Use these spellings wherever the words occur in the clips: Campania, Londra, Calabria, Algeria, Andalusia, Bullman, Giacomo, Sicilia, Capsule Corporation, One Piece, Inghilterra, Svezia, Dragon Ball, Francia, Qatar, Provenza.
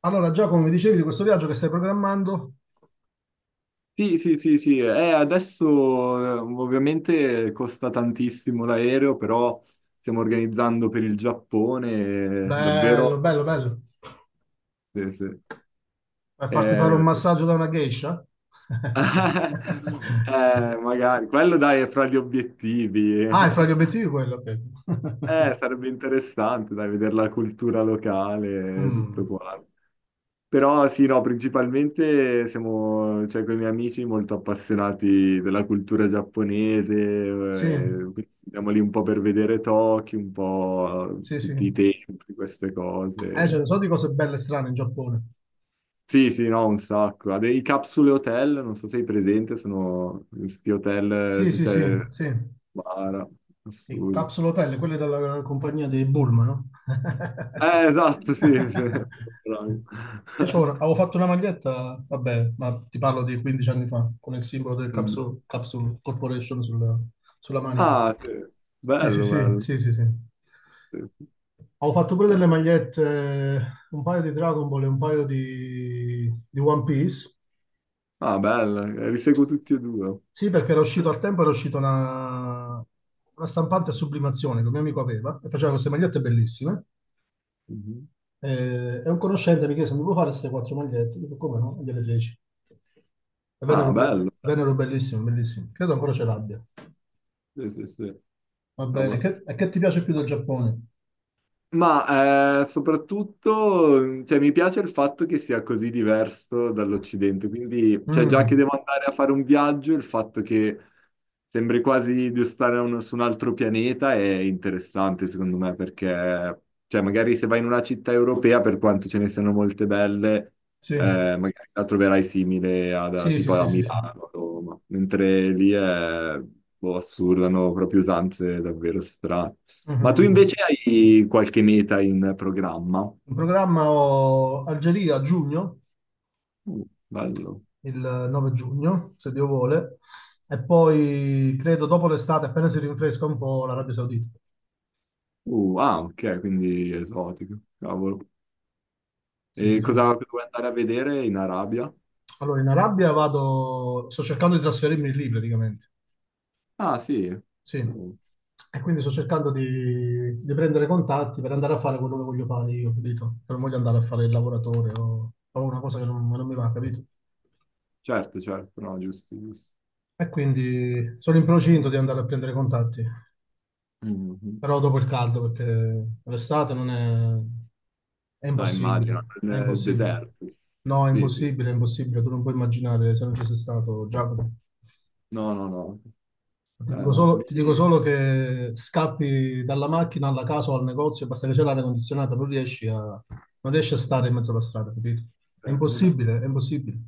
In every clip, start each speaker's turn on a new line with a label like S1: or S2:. S1: Allora, Giacomo, mi dicevi di questo viaggio che stai programmando?
S2: Sì, sì, sì, sì, adesso ovviamente costa tantissimo l'aereo, però stiamo organizzando per il Giappone,
S1: Bello,
S2: davvero,
S1: bello, bello.
S2: sì, sì.
S1: Vai a farti fare un
S2: Eh,
S1: massaggio da una geisha?
S2: magari, quello dai è fra gli obiettivi,
S1: Ah, è fra gli obiettivi quello, ok.
S2: sarebbe interessante dai, vedere la cultura locale, tutto
S1: Mm,
S2: quanto. Però sì, no, principalmente siamo, cioè, con i miei amici molto appassionati della cultura giapponese,
S1: sì,
S2: quindi andiamo lì un po' per vedere Tokyo, un po'
S1: sì, sì.
S2: tutti i templi, queste
S1: Ce
S2: cose.
S1: ne so di cose belle e strane in Giappone.
S2: Sì, sì, no, un sacco. Ha dei capsule hotel, non so se sei presente, sono questi hotel,
S1: Sì,
S2: se
S1: sì, sì,
S2: c'è.
S1: sì.
S2: Bara,
S1: Le
S2: assurdo.
S1: capsule hotel, quelle della compagnia dei Bullman, no?
S2: Esatto, sì, sì. Bravo.
S1: Io avevo fatto una maglietta, vabbè, ma ti parlo di 15 anni fa, con il simbolo del
S2: Mm.
S1: Capsule Corporation sulla, sulla manica.
S2: Ah, sì.
S1: Sì, sì,
S2: Bello,
S1: sì,
S2: bello.
S1: sì, sì, sì.
S2: Sì, sì.
S1: Avevo fatto pure
S2: Eh.
S1: delle magliette, un paio di Dragon Ball e un paio di One Piece.
S2: Ah, bello, li seguo tutti e due.
S1: Sì, perché era uscito al tempo, una stampante a sublimazione che un mio amico aveva e faceva queste magliette bellissime.
S2: Mhm.
S1: Un conoscente mi chiese, mi puoi fare queste 4 magliette? Io dico, come no? E gliele feci. E
S2: Ah, bello.
S1: vennero bellissime, bellissime. Credo ancora ce l'abbia.
S2: Sì, sì, sì.
S1: Va bene,
S2: Cavolo.
S1: e che ti piace più del Giappone?
S2: Ma soprattutto, cioè, mi piace il fatto che sia così diverso dall'Occidente, quindi cioè, già che
S1: Mm,
S2: devo andare a fare un viaggio, il fatto che sembri quasi di stare su un altro pianeta è interessante secondo me, perché cioè, magari se vai in una città europea, per quanto ce ne siano molte belle,
S1: sì,
S2: magari la troverai simile a,
S1: sì, sì,
S2: tipo
S1: sì,
S2: a
S1: sì, sì.
S2: Milano, a Roma, mentre lì è boh, assurdo, hanno proprio usanze davvero strane.
S1: Mm, mm,
S2: Ma tu invece
S1: mm.
S2: hai qualche meta in programma?
S1: In programma ho Algeria a giugno,
S2: Uh, bello.
S1: il 9 giugno, se Dio vuole, e poi credo dopo l'estate, appena si rinfresca un po', l'Arabia Saudita.
S2: Ah, ok, quindi esotico. Cavolo.
S1: Sì, sì,
S2: E
S1: sì.
S2: cosa vuoi andare a vedere in Arabia?
S1: Allora, in Arabia vado, sto cercando di trasferirmi lì praticamente,
S2: Ah, sì.
S1: sì.
S2: Uh,
S1: E quindi sto cercando di prendere contatti per andare a fare quello che voglio fare io, capito? Che non voglio andare a fare il lavoratore o una cosa che non, non mi va, capito?
S2: certo, certo, no, giusto, giusto.
S1: E quindi sono in procinto di andare a prendere contatti.
S2: Mhm.
S1: Però dopo il caldo, perché l'estate non è... è
S2: No, immagino,
S1: impossibile, è
S2: nel
S1: impossibile.
S2: deserto.
S1: No,
S2: Sì, sì.
S1: è impossibile, tu non puoi immaginare se non ci sei stato, Giacomo.
S2: No, no, no. No,
S1: Ti dico
S2: lì.
S1: solo che scappi dalla macchina alla casa o al negozio, basta che c'è l'aria condizionata, non non riesci a
S2: Mhm.
S1: stare in mezzo alla strada, capito? È
S2: Eh,
S1: impossibile, è impossibile.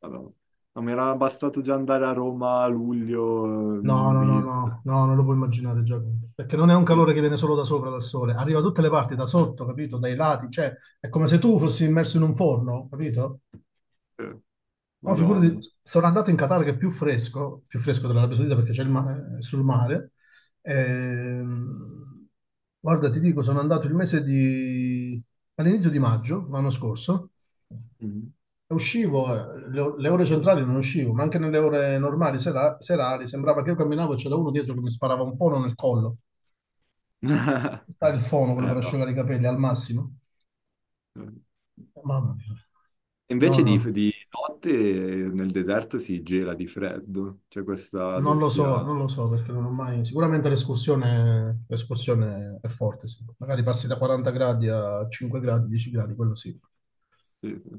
S2: Allora, no, mi era bastato già andare a Roma a luglio
S1: No, no, no,
S2: di.
S1: no, no, non lo puoi immaginare, Giacomo, perché non è un
S2: eh,
S1: calore che viene solo da sopra, dal sole, arriva da tutte le parti, da sotto, capito? Dai lati, cioè, è come se tu fossi immerso in un forno, capito? No, figurati,
S2: Madonna.
S1: sono andato in Qatar che è più fresco dell'Arabia Saudita perché è sul mare. Ehm, Guarda, ti dico, sono andato il mese di... all'inizio di maggio, l'anno scorso.
S2: Mhm.
S1: Uscivo, le ore centrali non uscivo, ma anche nelle ore normali, serali, sembrava che io camminavo e c'era uno dietro che mi sparava un fono nel collo. Sai il fono, quello per
S2: No.
S1: asciugare i capelli, al massimo. Mamma mia. No,
S2: Invece
S1: no,
S2: di notte nel deserto si gela di freddo, c'è questa
S1: non lo so,
S2: doppia.
S1: non lo so perché non ho mai... Sicuramente l'escursione è forte, sì. Magari passi da 40 gradi a 5 gradi, 10 gradi, quello sì.
S2: Sì, sì.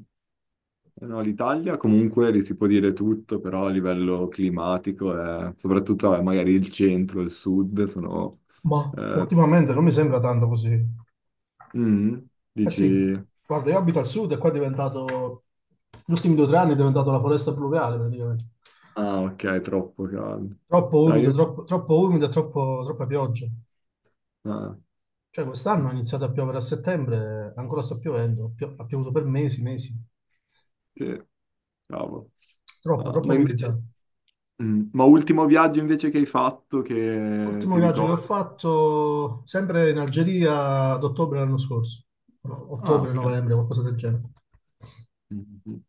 S2: No, l'Italia comunque lì si può dire tutto, però a livello climatico, soprattutto magari il centro, il sud, sono.
S1: Ma
S2: eh,
S1: ultimamente non mi sembra tanto così.
S2: mm,
S1: Eh sì,
S2: dici,
S1: guarda, io abito al sud e qua è diventato, gli ultimi due o tre anni è diventato la foresta pluviale praticamente.
S2: ah ok, è troppo caldo.
S1: Troppo
S2: No,
S1: umido, troppo umido e troppo, troppa pioggia.
S2: ah,
S1: Cioè quest'anno è iniziato a piovere a settembre, ancora sta piovendo, ha piovuto per mesi, mesi.
S2: ok, cavolo.
S1: Troppo,
S2: Ah,
S1: troppo
S2: ma
S1: umidità.
S2: invece. Mm. Ma ultimo viaggio invece che hai fatto che
S1: L'ultimo
S2: ti
S1: viaggio che ho
S2: ricordo?
S1: fatto, sempre in Algeria, ad ottobre l'anno scorso. No,
S2: Ah,
S1: ottobre,
S2: ok.
S1: novembre, qualcosa del genere.
S2: Mhm.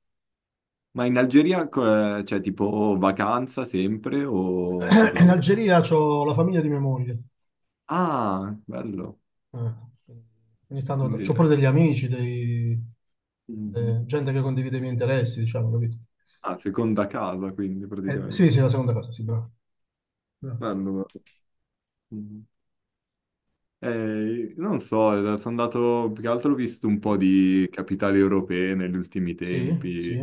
S2: Ma in Algeria c'è tipo vacanza sempre o per
S1: In
S2: lavoro?
S1: Algeria c'ho la famiglia di mia moglie.
S2: Ah, bello.
S1: Eh, ogni tanto ho
S2: Quindi-
S1: pure degli amici,
S2: Mhm.
S1: gente che condivide i miei interessi, diciamo, capito?
S2: Ah, seconda casa quindi
S1: Sì,
S2: praticamente.
S1: sì, la seconda cosa, sì, bravo. Bravo.
S2: Bello. Bello. Mhm. Non so, sono andato, più che altro ho visto un po' di capitali europee negli ultimi
S1: Sì,
S2: tempi.
S1: sì,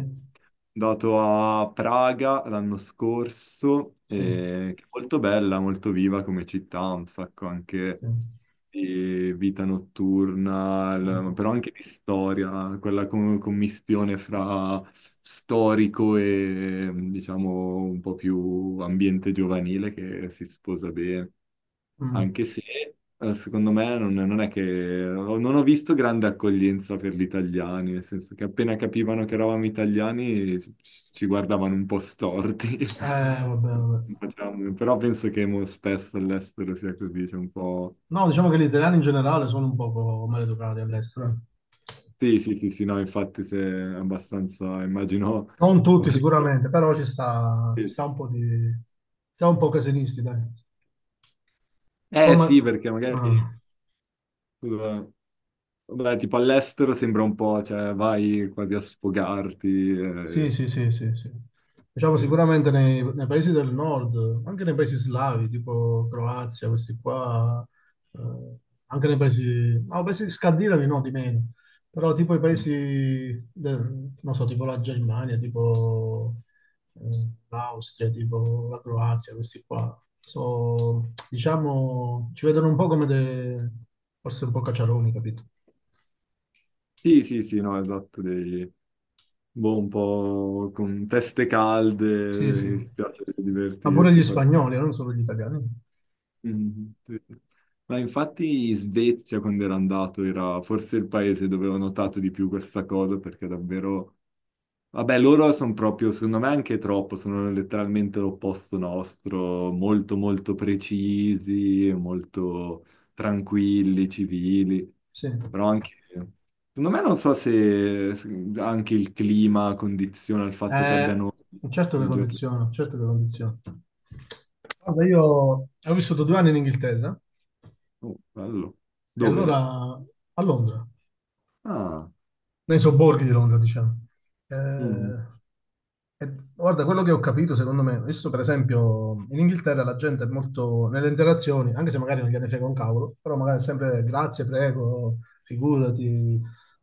S2: Sono andato a Praga l'anno scorso,
S1: sì,
S2: che è molto bella, molto viva come città, un sacco anche
S1: sì. Mm.
S2: di vita notturna, però anche di storia, quella commistione fra storico e diciamo un po' più ambiente giovanile che si sposa bene
S1: Mm.
S2: anche se secondo me non è che non ho visto grande accoglienza per gli italiani, nel senso che appena capivano che eravamo italiani ci guardavano un po' storti.
S1: Vabbè, vabbè.
S2: Però penso che mo spesso all'estero sia così, c'è un po'.
S1: No, diciamo che gli italiani in generale sono un poco maleducati all'estero, eh.
S2: Sì, sì, sì, sì, no, infatti se è abbastanza, immagino.
S1: Non tutti sicuramente, però ci
S2: Sì.
S1: sta un po' di... Siamo un po' casinisti, dai. Poi
S2: Eh sì,
S1: ma-
S2: perché magari.
S1: ah.
S2: Scusa, vabbè, tipo all'estero sembra un po', cioè vai quasi a sfogarti.
S1: Sì,
S2: Eh,
S1: sì, sì, sì, sì. Diciamo
S2: sì.
S1: sicuramente nei paesi del nord, anche nei paesi slavi, tipo Croazia, questi qua, eh, anche nei paesi, no, paesi scandinavi no, di meno, però tipo non so, tipo la Germania, tipo l'Austria, tipo la Croazia, questi qua, so, diciamo, ci vedono un po' come dei, forse un po' cacciaroni, capito?
S2: Sì, sì, sì, no, esatto, dei, boh, un po' con teste
S1: Sì, sì.
S2: calde, ci piace
S1: Ma pure
S2: divertirci
S1: gli
S2: perché.
S1: spagnoli, non solo gli italiani.
S2: Mhm, sì, sì. Ma infatti in Svezia, quando ero andato, era forse il paese dove ho notato di più questa cosa, perché davvero. Vabbè, loro sono proprio, secondo me, anche troppo, sono letteralmente l'opposto nostro, molto molto precisi, molto tranquilli, civili,
S1: Sì.
S2: però anche, secondo me non so se anche il clima condiziona il fatto che
S1: Eh,
S2: abbiano
S1: certo che
S2: le giornate.
S1: condiziona, certo che condiziona. Guarda, io ho vissuto 2 anni in Inghilterra
S2: Oh, bello.
S1: e allora
S2: Dove?
S1: a Londra,
S2: Ah.
S1: nei sobborghi di Londra, diciamo.
S2: Mhm.
S1: Eh, e guarda, quello che ho capito, secondo me, visto per esempio in Inghilterra la gente è molto nelle interazioni, anche se magari non gliene frega un cavolo, però magari è sempre grazie, prego, figurati,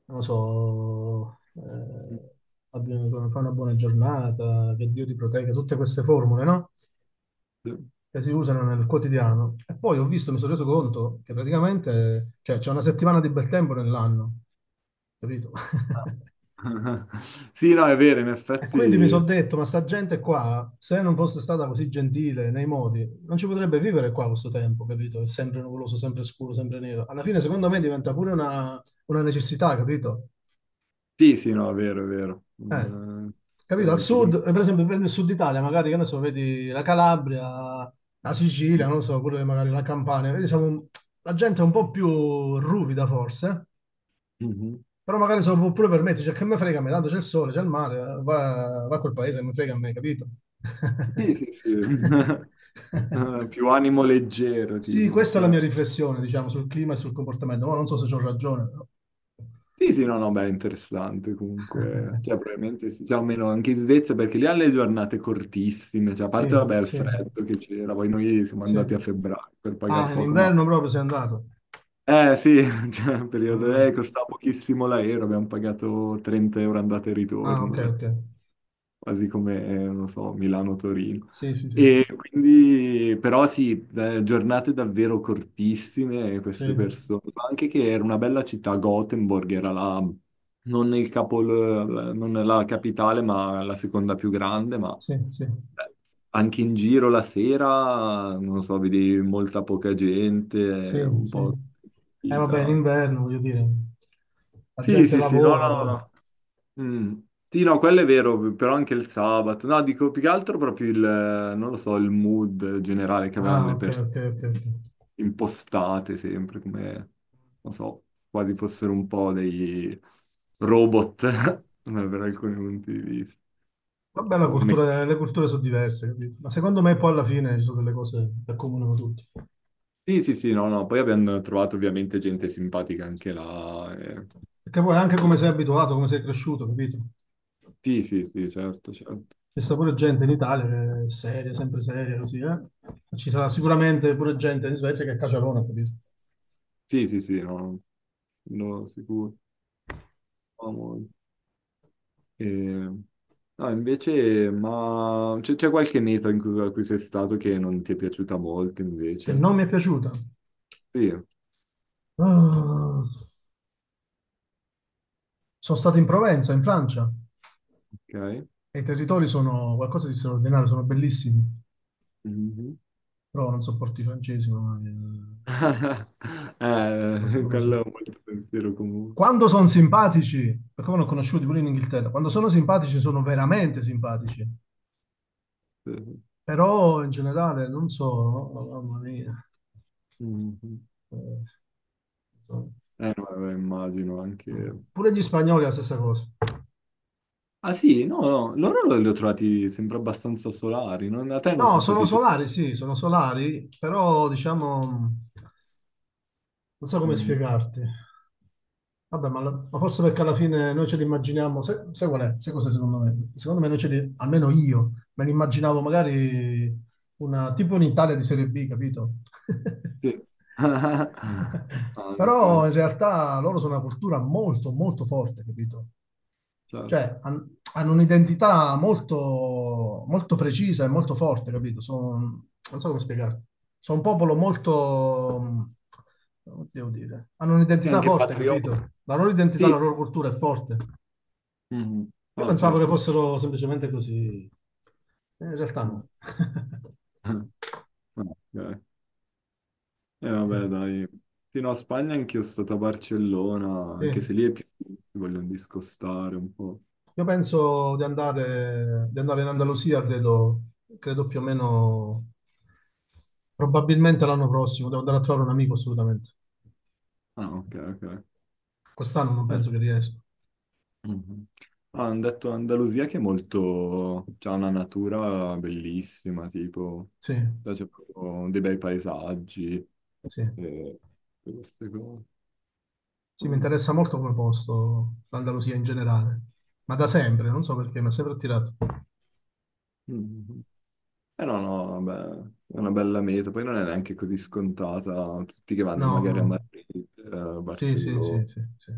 S1: non lo so, fai una buona giornata, che Dio ti protegga, tutte queste formule, no? Che si usano nel quotidiano. E poi ho visto, mi sono reso conto che praticamente, cioè, c'è una settimana di bel tempo nell'anno, capito?
S2: Sì, no, è vero, in
S1: E quindi mi sono
S2: effetti.
S1: detto, ma sta gente qua, se non fosse stata così gentile nei modi, non ci potrebbe vivere qua questo tempo, capito? È sempre nuvoloso, sempre scuro, sempre nero. Alla fine, secondo me, diventa pure una necessità, capito?
S2: Sì, sì, no, è vero, è vero.
S1: Eh, capito? Al
S2: Eh, ti
S1: sud,
S2: con-
S1: per esempio, prendi il sud Italia, magari, che ne so, vedi la Calabria, la Sicilia,
S2: mm.
S1: non lo so, pure magari la Campania, vedi, la gente è un po' più ruvida forse,
S2: Mhm.
S1: però magari se lo può pure permettere, cioè, che me frega a me, tanto c'è il sole, c'è il mare, va, va a quel paese, mi frega a me, capito?
S2: Sì, sì, sì. Più animo leggero,
S1: Sì,
S2: tipo,
S1: questa è la mia
S2: perché.
S1: riflessione, diciamo, sul clima e sul comportamento, ma non so se ho ragione, però.
S2: Sì, sì, no, no, beh, è interessante comunque. Cioè, probabilmente sì. Cioè, almeno anche in Svezia, perché lì hanno le giornate cortissime. Cioè, a
S1: Sì,
S2: parte, vabbè, il
S1: sì,
S2: freddo che c'era. Poi noi siamo
S1: sì.
S2: andati a febbraio per pagare
S1: Ah, in
S2: poco, ma.
S1: inverno proprio sei andato.
S2: Sì, cioè, periodo. Eh,
S1: Ah,
S2: costava pochissimo l'aereo. Abbiamo pagato 30 euro andata e
S1: ah, ok,
S2: ritorno. Dai.
S1: ok.
S2: Quasi come, non so, Milano-Torino.
S1: Sì, sì, sì, sì.
S2: E quindi, però sì, giornate davvero cortissime
S1: Sì,
S2: queste persone, ma anche che era una bella città, Gothenburg era la, non il capol, non la capitale, ma la seconda più grande, ma
S1: sì, sì,
S2: eh, anche in giro la sera, non so, vedi molta poca gente,
S1: sì,
S2: un
S1: sì.
S2: po',
S1: Vabbè, in
S2: vita.
S1: inverno, voglio dire, la
S2: Sì,
S1: gente
S2: sì, sì, no,
S1: lavora.
S2: no, no. Mm. Sì, no, quello è vero, però anche il sabato. No, dico più che altro proprio il, non lo so, il mood generale che avevano
S1: Ah,
S2: le
S1: ok,
S2: persone
S1: ok, ok, ok.
S2: impostate sempre, come, non so, quasi fossero un po' dei robot, per alcuni punti di vista.
S1: Vabbè, la
S2: Tipo,
S1: cultura, le culture sono diverse, capito? Ma secondo me poi alla fine ci sono delle cose che accomunano tutti.
S2: Sì, sì, sì, no, no, poi abbiamo trovato ovviamente gente simpatica anche là.
S1: Perché poi anche come sei abituato, come sei cresciuto, capito?
S2: Sì, sì, sì, certo, certo.
S1: C'è sta pure gente in Italia che è seria, sempre seria, così, eh? Ci sarà sicuramente pure gente in Svezia che è caciarona, capito?
S2: Sì, sì, sì, no, no, sicuro. No, no. No, invece, ma c'è qualche meta in cui, a cui sei stato che non ti è piaciuta molto,
S1: Che
S2: invece?
S1: non mi è piaciuta.
S2: Sì,
S1: Ah. Sono stato in Provenza, in Francia,
S2: ok.
S1: e i territori sono qualcosa di straordinario, sono bellissimi,
S2: Mhm.
S1: però non sopporto i francesi, mamma mia. Non lo so,
S2: Eh,
S1: non lo so.
S2: quello è un bel pensiero comune.
S1: Quando sono simpatici, perché me ne ho conosciuti pure in Inghilterra, quando sono simpatici sono veramente simpatici, però in generale non so, oh, mamma mia.
S2: Mhm.
S1: Eh, insomma.
S2: No, vabbè, immagino
S1: Mm.
S2: anche.
S1: Pure gli spagnoli è la stessa cosa.
S2: Ah sì, no, no, loro li ho trovati sempre abbastanza solari, non, a te non
S1: No,
S2: sono
S1: sono
S2: stati. Sì.
S1: solari, sì, sono solari, però diciamo non so come
S2: Mhm.
S1: spiegarti. Vabbè, ma forse perché alla fine noi ce l'immaginiamo, sai, sai qual è? Sai cos'è secondo me? Secondo me noi ce li, almeno io, me li immaginavo magari tipo un'Italia di Serie B, capito?
S2: Sì.
S1: Però
S2: Anche,
S1: in realtà loro sono una cultura molto, molto forte, capito?
S2: certo.
S1: cioè, han- Hanno un'identità molto, molto precisa e molto forte, capito? Sono, non so come spiegarti. Sono un popolo molto, come devo dire, hanno
S2: E
S1: un'identità
S2: anche
S1: forte,
S2: patrioti.
S1: capito? La loro identità, la
S2: Sì.
S1: loro cultura è forte.
S2: Mhm.
S1: Io
S2: Ah,
S1: pensavo che
S2: certo, certo.
S1: fossero semplicemente così, eh, in realtà
S2: Mm.
S1: no.
S2: Ah, ok. E
S1: Sì,
S2: vabbè, dai. Sì, no, Spagna anch'io sono stato a Barcellona,
S1: sì.
S2: anche se lì è più. Si vogliono discostare un po'.
S1: Io penso di andare in Andalusia, credo, credo più o meno, probabilmente l'anno prossimo. Devo andare a trovare un amico assolutamente.
S2: Ah, ok, ok.
S1: Quest'anno non
S2: No.
S1: penso che riesco.
S2: Mhm. Ah, hanno detto Andalusia che è molto. C'ha una natura bellissima, tipo,
S1: Sì,
S2: cioè, c'è proprio dei bei paesaggi
S1: sì.
S2: e tutte queste cose.
S1: Sì, mi
S2: Mm.
S1: interessa molto come posto l'Andalusia in generale, ma da sempre, non so perché, mi ha sempre attirato.
S2: Mhm. Eh no, no, vabbè, è una bella meta. Poi non è neanche così scontata. Tutti che vanno
S1: No, no,
S2: magari a
S1: no.
S2: Madrid, eh,
S1: Sì, sì,
S2: Barcellona.
S1: sì, sì, sì.